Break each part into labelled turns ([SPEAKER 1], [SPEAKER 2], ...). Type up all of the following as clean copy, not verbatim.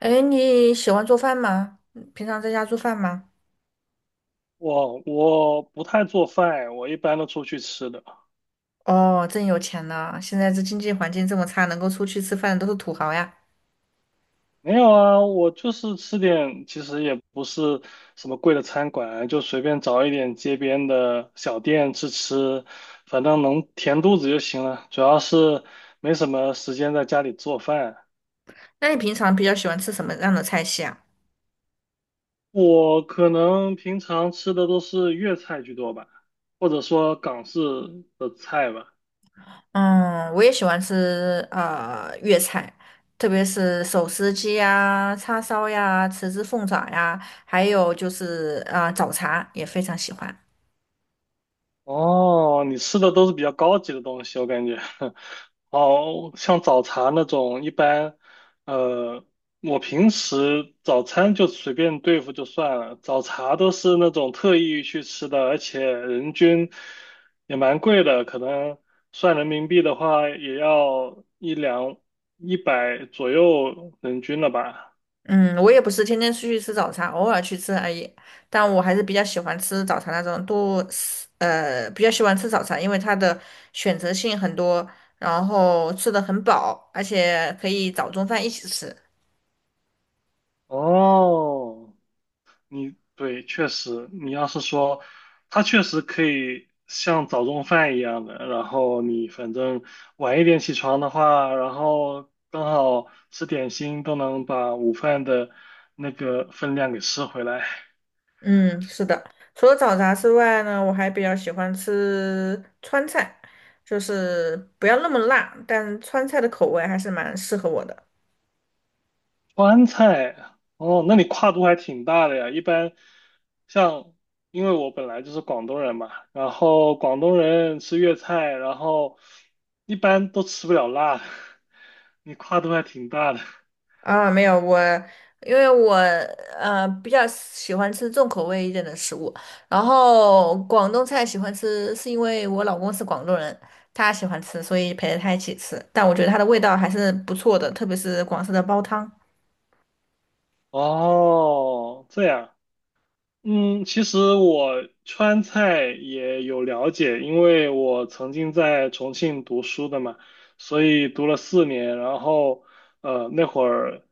[SPEAKER 1] 哎，你喜欢做饭吗？嗯平常在家做饭吗？
[SPEAKER 2] 我不太做饭，我一般都出去吃的。
[SPEAKER 1] 哦，真有钱呢！现在这经济环境这么差，能够出去吃饭的都是土豪呀。
[SPEAKER 2] 没有啊，我就是吃点，其实也不是什么贵的餐馆，就随便找一点街边的小店吃吃，反正能填肚子就行了。主要是没什么时间在家里做饭，
[SPEAKER 1] 那你平常比较喜欢吃什么样的菜系啊？
[SPEAKER 2] 我可能平常吃的都是粤菜居多吧，或者说港式的菜吧。
[SPEAKER 1] 嗯，我也喜欢吃粤菜，特别是手撕鸡呀、叉烧呀、豉汁凤爪呀，还有就是早茶也非常喜欢。
[SPEAKER 2] 哦，你吃的都是比较高级的东西，我感觉。哦，像早茶那种，一般，呃，我平时早餐就随便对付就算了，早茶都是那种特意去吃的，而且人均也蛮贵的，可能算人民币的话也要一两100左右人均了吧。
[SPEAKER 1] 嗯，我也不是天天出去吃早茶，偶尔去吃而已。但我还是比较喜欢吃早茶那种多，比较喜欢吃早茶，因为它的选择性很多，然后吃的很饱，而且可以早中饭一起吃。
[SPEAKER 2] 哦，你对，确实，你要是说，它确实可以像早中饭一样的，然后你反正晚一点起床的话，然后刚好吃点心，都能把午饭的那个分量给吃回来。
[SPEAKER 1] 嗯，是的。除了早茶之外呢，我还比较喜欢吃川菜，就是不要那么辣，但川菜的口味还是蛮适合我的。
[SPEAKER 2] 川菜，哦，那你跨度还挺大的呀。一般像，因为我本来就是广东人嘛，然后广东人吃粤菜，然后一般都吃不了辣的，你跨度还挺大的。
[SPEAKER 1] 啊，没有我，因为我比较喜欢吃重口味一点的食物，然后广东菜喜欢吃，是因为我老公是广东人，他喜欢吃，所以陪着他一起吃。但我觉得它的味道还是不错的，特别是广式的煲汤。
[SPEAKER 2] 哦，这样嗯，其实我川菜也有了解，因为我曾经在重庆读书的嘛，所以读了4年。然后，那会儿，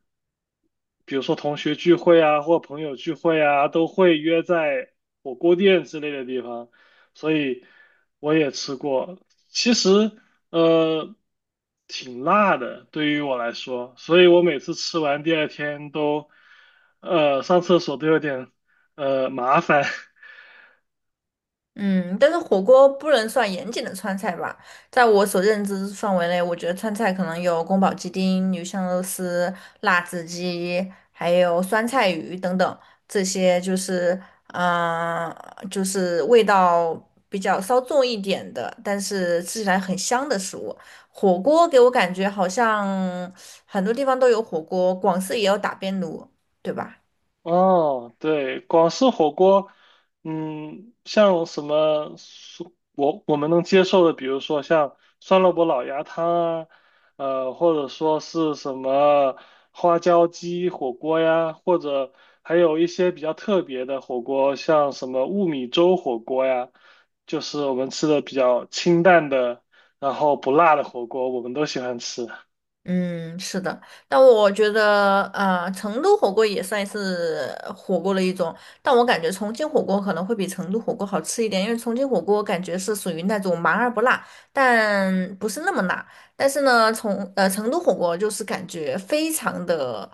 [SPEAKER 2] 比如说同学聚会啊，或朋友聚会啊，都会约在火锅店之类的地方，所以我也吃过。其实，呃，挺辣的，对于我来说，所以我每次吃完第二天都，上厕所都有点。麻烦。
[SPEAKER 1] 嗯，但是火锅不能算严谨的川菜吧？在我所认知范围内，我觉得川菜可能有宫保鸡丁、鱼香肉丝、辣子鸡，还有酸菜鱼等等，这些就是，嗯、就是味道比较稍重一点的，但是吃起来很香的食物。火锅给我感觉好像很多地方都有火锅，广式也有打边炉，对吧？
[SPEAKER 2] 哦，对，广式火锅，嗯，像什么我们能接受的，比如说像酸萝卜老鸭汤啊，或者说是什么花椒鸡火锅呀，或者还有一些比较特别的火锅，像什么雾米粥火锅呀，就是我们吃的比较清淡的，然后不辣的火锅，我们都喜欢吃。
[SPEAKER 1] 嗯，是的，但我觉得，成都火锅也算是火锅的一种，但我感觉重庆火锅可能会比成都火锅好吃一点，因为重庆火锅感觉是属于那种麻而不辣，但不是那么辣。但是呢，从成都火锅就是感觉非常的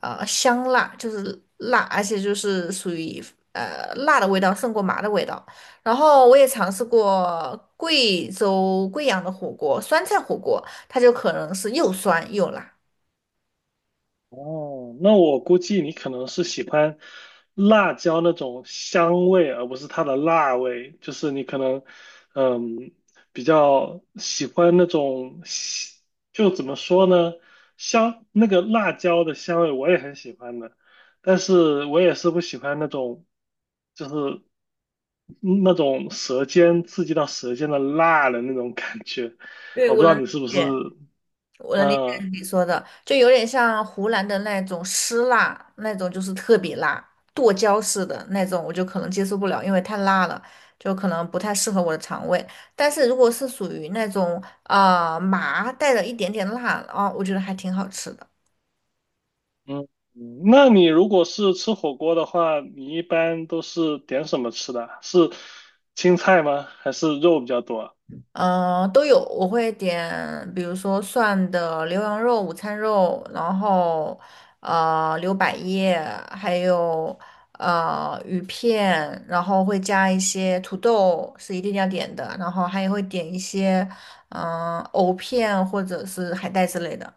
[SPEAKER 1] 香辣，就是辣，而且就是属于辣的味道胜过麻的味道。然后我也尝试过贵州贵阳的火锅，酸菜火锅。它就可能是又酸又辣。
[SPEAKER 2] 哦，那我估计你可能是喜欢辣椒那种香味，而不是它的辣味。就是你可能，嗯，比较喜欢那种香就怎么说呢，香，那个辣椒的香味我也很喜欢的，但是我也是不喜欢那种，就是嗯那种舌尖刺激到舌尖的辣的那种感觉。
[SPEAKER 1] 对，
[SPEAKER 2] 我不
[SPEAKER 1] 我
[SPEAKER 2] 知道
[SPEAKER 1] 能理
[SPEAKER 2] 你是不是，
[SPEAKER 1] 解。我能理解
[SPEAKER 2] 嗯、
[SPEAKER 1] 你说的，就有点像湖南的那种湿辣，那种就是特别辣，剁椒式的那种，我就可能接受不了，因为太辣了，就可能不太适合我的肠胃。但是如果是属于那种麻带了一点点辣啊，我觉得还挺好吃的。
[SPEAKER 2] 嗯，那你如果是吃火锅的话，你一般都是点什么吃的啊是青菜吗？还是肉比较多啊
[SPEAKER 1] 都有，我会点，比如说涮的牛羊肉、午餐肉，然后牛百叶，还有鱼片，然后会加一些土豆，是一定要点的，然后还会点一些藕片或者是海带之类的。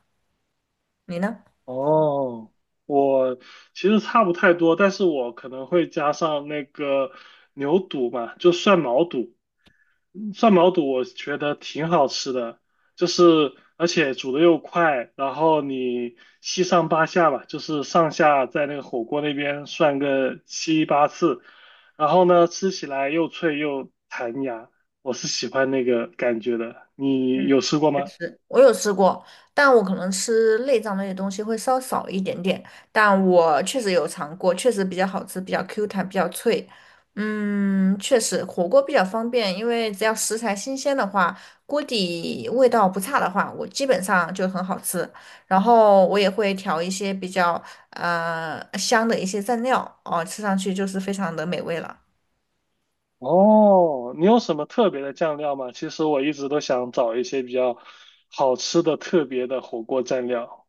[SPEAKER 1] 你呢？
[SPEAKER 2] 哦，我其实差不太多，但是我可能会加上那个牛肚嘛，就涮毛肚。涮毛肚我觉得挺好吃的，就是而且煮的又快，然后你七上八下吧，就是上下在那个火锅那边涮个七八次，然后呢吃起来又脆又弹牙，我是喜欢那个感觉的。你
[SPEAKER 1] 嗯，
[SPEAKER 2] 有吃过
[SPEAKER 1] 确
[SPEAKER 2] 吗？
[SPEAKER 1] 实，我有吃过，但我可能吃内脏类的东西会稍少一点点，但我确实有尝过，确实比较好吃，比较 Q 弹，比较脆。嗯，确实，火锅比较方便，因为只要食材新鲜的话，锅底味道不差的话，我基本上就很好吃。然后我也会调一些比较香的一些蘸料，哦，吃上去就是非常的美味了。
[SPEAKER 2] 哦，你有什么特别的酱料吗？其实我一直都想找一些比较好吃的特别的火锅蘸料。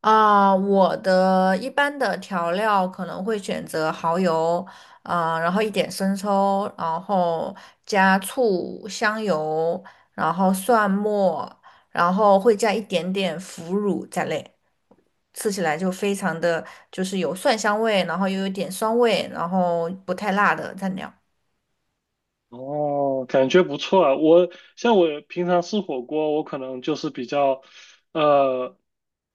[SPEAKER 1] 啊，我的一般的调料可能会选择蚝油，啊，然后一点生抽，然后加醋、香油，然后蒜末，然后会加一点点腐乳在内，吃起来就非常的就是有蒜香味，然后又有点酸味，然后不太辣的蘸料。
[SPEAKER 2] 哦，感觉不错啊。我像我平常吃火锅，我可能就是比较，呃，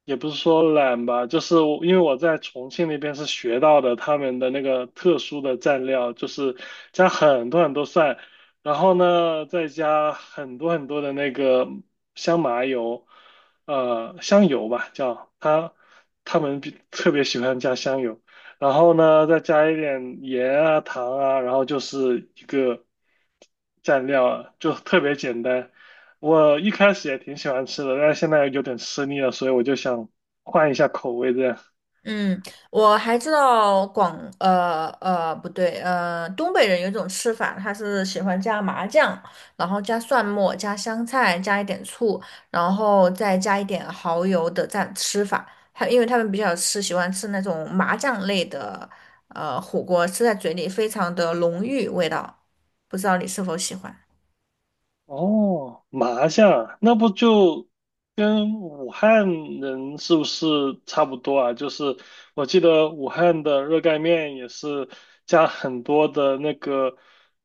[SPEAKER 2] 也不是说懒吧，就是我因为我在重庆那边是学到的他们的那个特殊的蘸料，就是加很多很多蒜，然后呢再加很多很多的那个香麻油，呃，香油吧叫他们特别喜欢加香油。然后呢，再加一点盐啊、糖啊，然后就是一个。蘸料啊，就特别简单。我一开始也挺喜欢吃的，但是现在有点吃腻了，所以我就想换一下口味这样。
[SPEAKER 1] 嗯，我还知道广呃呃不对呃东北人有一种吃法，他是喜欢加麻酱，然后加蒜末、加香菜、加一点醋，然后再加一点蚝油的蘸吃法。他因为他们比较吃喜欢吃那种麻酱类的火锅，吃在嘴里非常的浓郁味道，不知道你是否喜欢？
[SPEAKER 2] 哦，麻酱，那不就跟武汉人是不是差不多啊？就是我记得武汉的热干面也是加很多的那个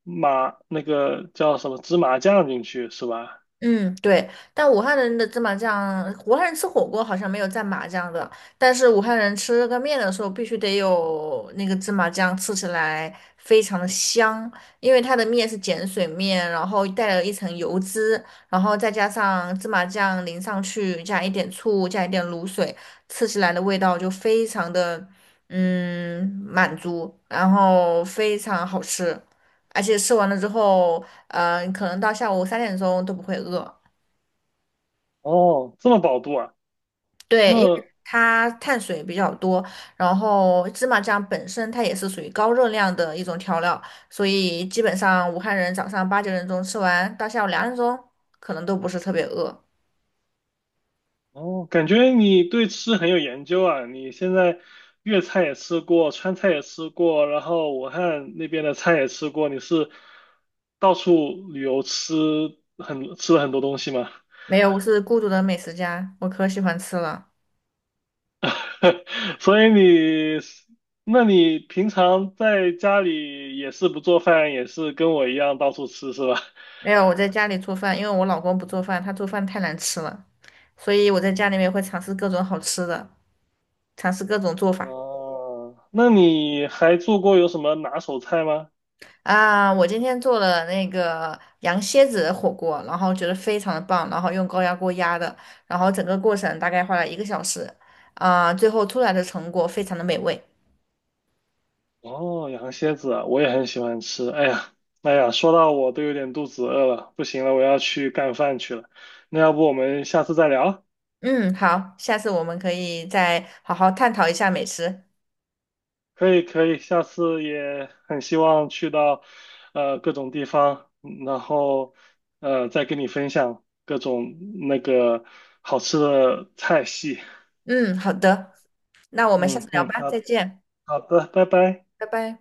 [SPEAKER 2] 麻，那个叫什么芝麻酱进去，是吧？
[SPEAKER 1] 嗯，对，但武汉人的芝麻酱，武汉人吃火锅好像没有蘸麻酱的，但是武汉人吃这个面的时候必须得有那个芝麻酱，吃起来非常的香，因为它的面是碱水面，然后带了一层油脂，然后再加上芝麻酱淋上去，加一点醋，加一点卤水，吃起来的味道就非常的满足，然后非常好吃，而且吃完了之后。可能到下午3点钟都不会饿。
[SPEAKER 2] 哦，这么饱肚啊？
[SPEAKER 1] 对，因为
[SPEAKER 2] 那
[SPEAKER 1] 它碳水比较多，然后芝麻酱本身它也是属于高热量的一种调料，所以基本上武汉人早上8、9点钟吃完，到下午2点钟可能都不是特别饿。
[SPEAKER 2] 哦，感觉你对吃很有研究啊！你现在粤菜也吃过，川菜也吃过，然后武汉那边的菜也吃过，你是到处旅游吃很吃了很多东西吗？
[SPEAKER 1] 没有，我是孤独的美食家，我可喜欢吃了。
[SPEAKER 2] 所以你，那你平常在家里也是不做饭，也是跟我一样到处吃是吧？
[SPEAKER 1] 没有，我在家里做饭，因为我老公不做饭，他做饭太难吃了，所以我在家里面会尝试各种好吃的，尝试各种做法。
[SPEAKER 2] 哦，那你还做过有什么拿手菜吗？
[SPEAKER 1] 啊，我今天做了那个羊蝎子的火锅，然后觉得非常的棒，然后用高压锅压的，然后整个过程大概花了1个小时，啊，最后出来的成果非常的美味。
[SPEAKER 2] 哦，羊蝎子啊，我也很喜欢吃。哎呀，哎呀，说到我都有点肚子饿了，不行了，我要去干饭去了。那要不我们下次再聊？
[SPEAKER 1] 嗯，好，下次我们可以再好好探讨一下美食。
[SPEAKER 2] 可以，可以，下次也很希望去到各种地方，然后再跟你分享各种那个好吃的菜系。
[SPEAKER 1] 嗯，好的，那我们下
[SPEAKER 2] 嗯
[SPEAKER 1] 次聊
[SPEAKER 2] 嗯，
[SPEAKER 1] 吧，再
[SPEAKER 2] 好
[SPEAKER 1] 见，
[SPEAKER 2] 好的，拜拜。
[SPEAKER 1] 拜拜。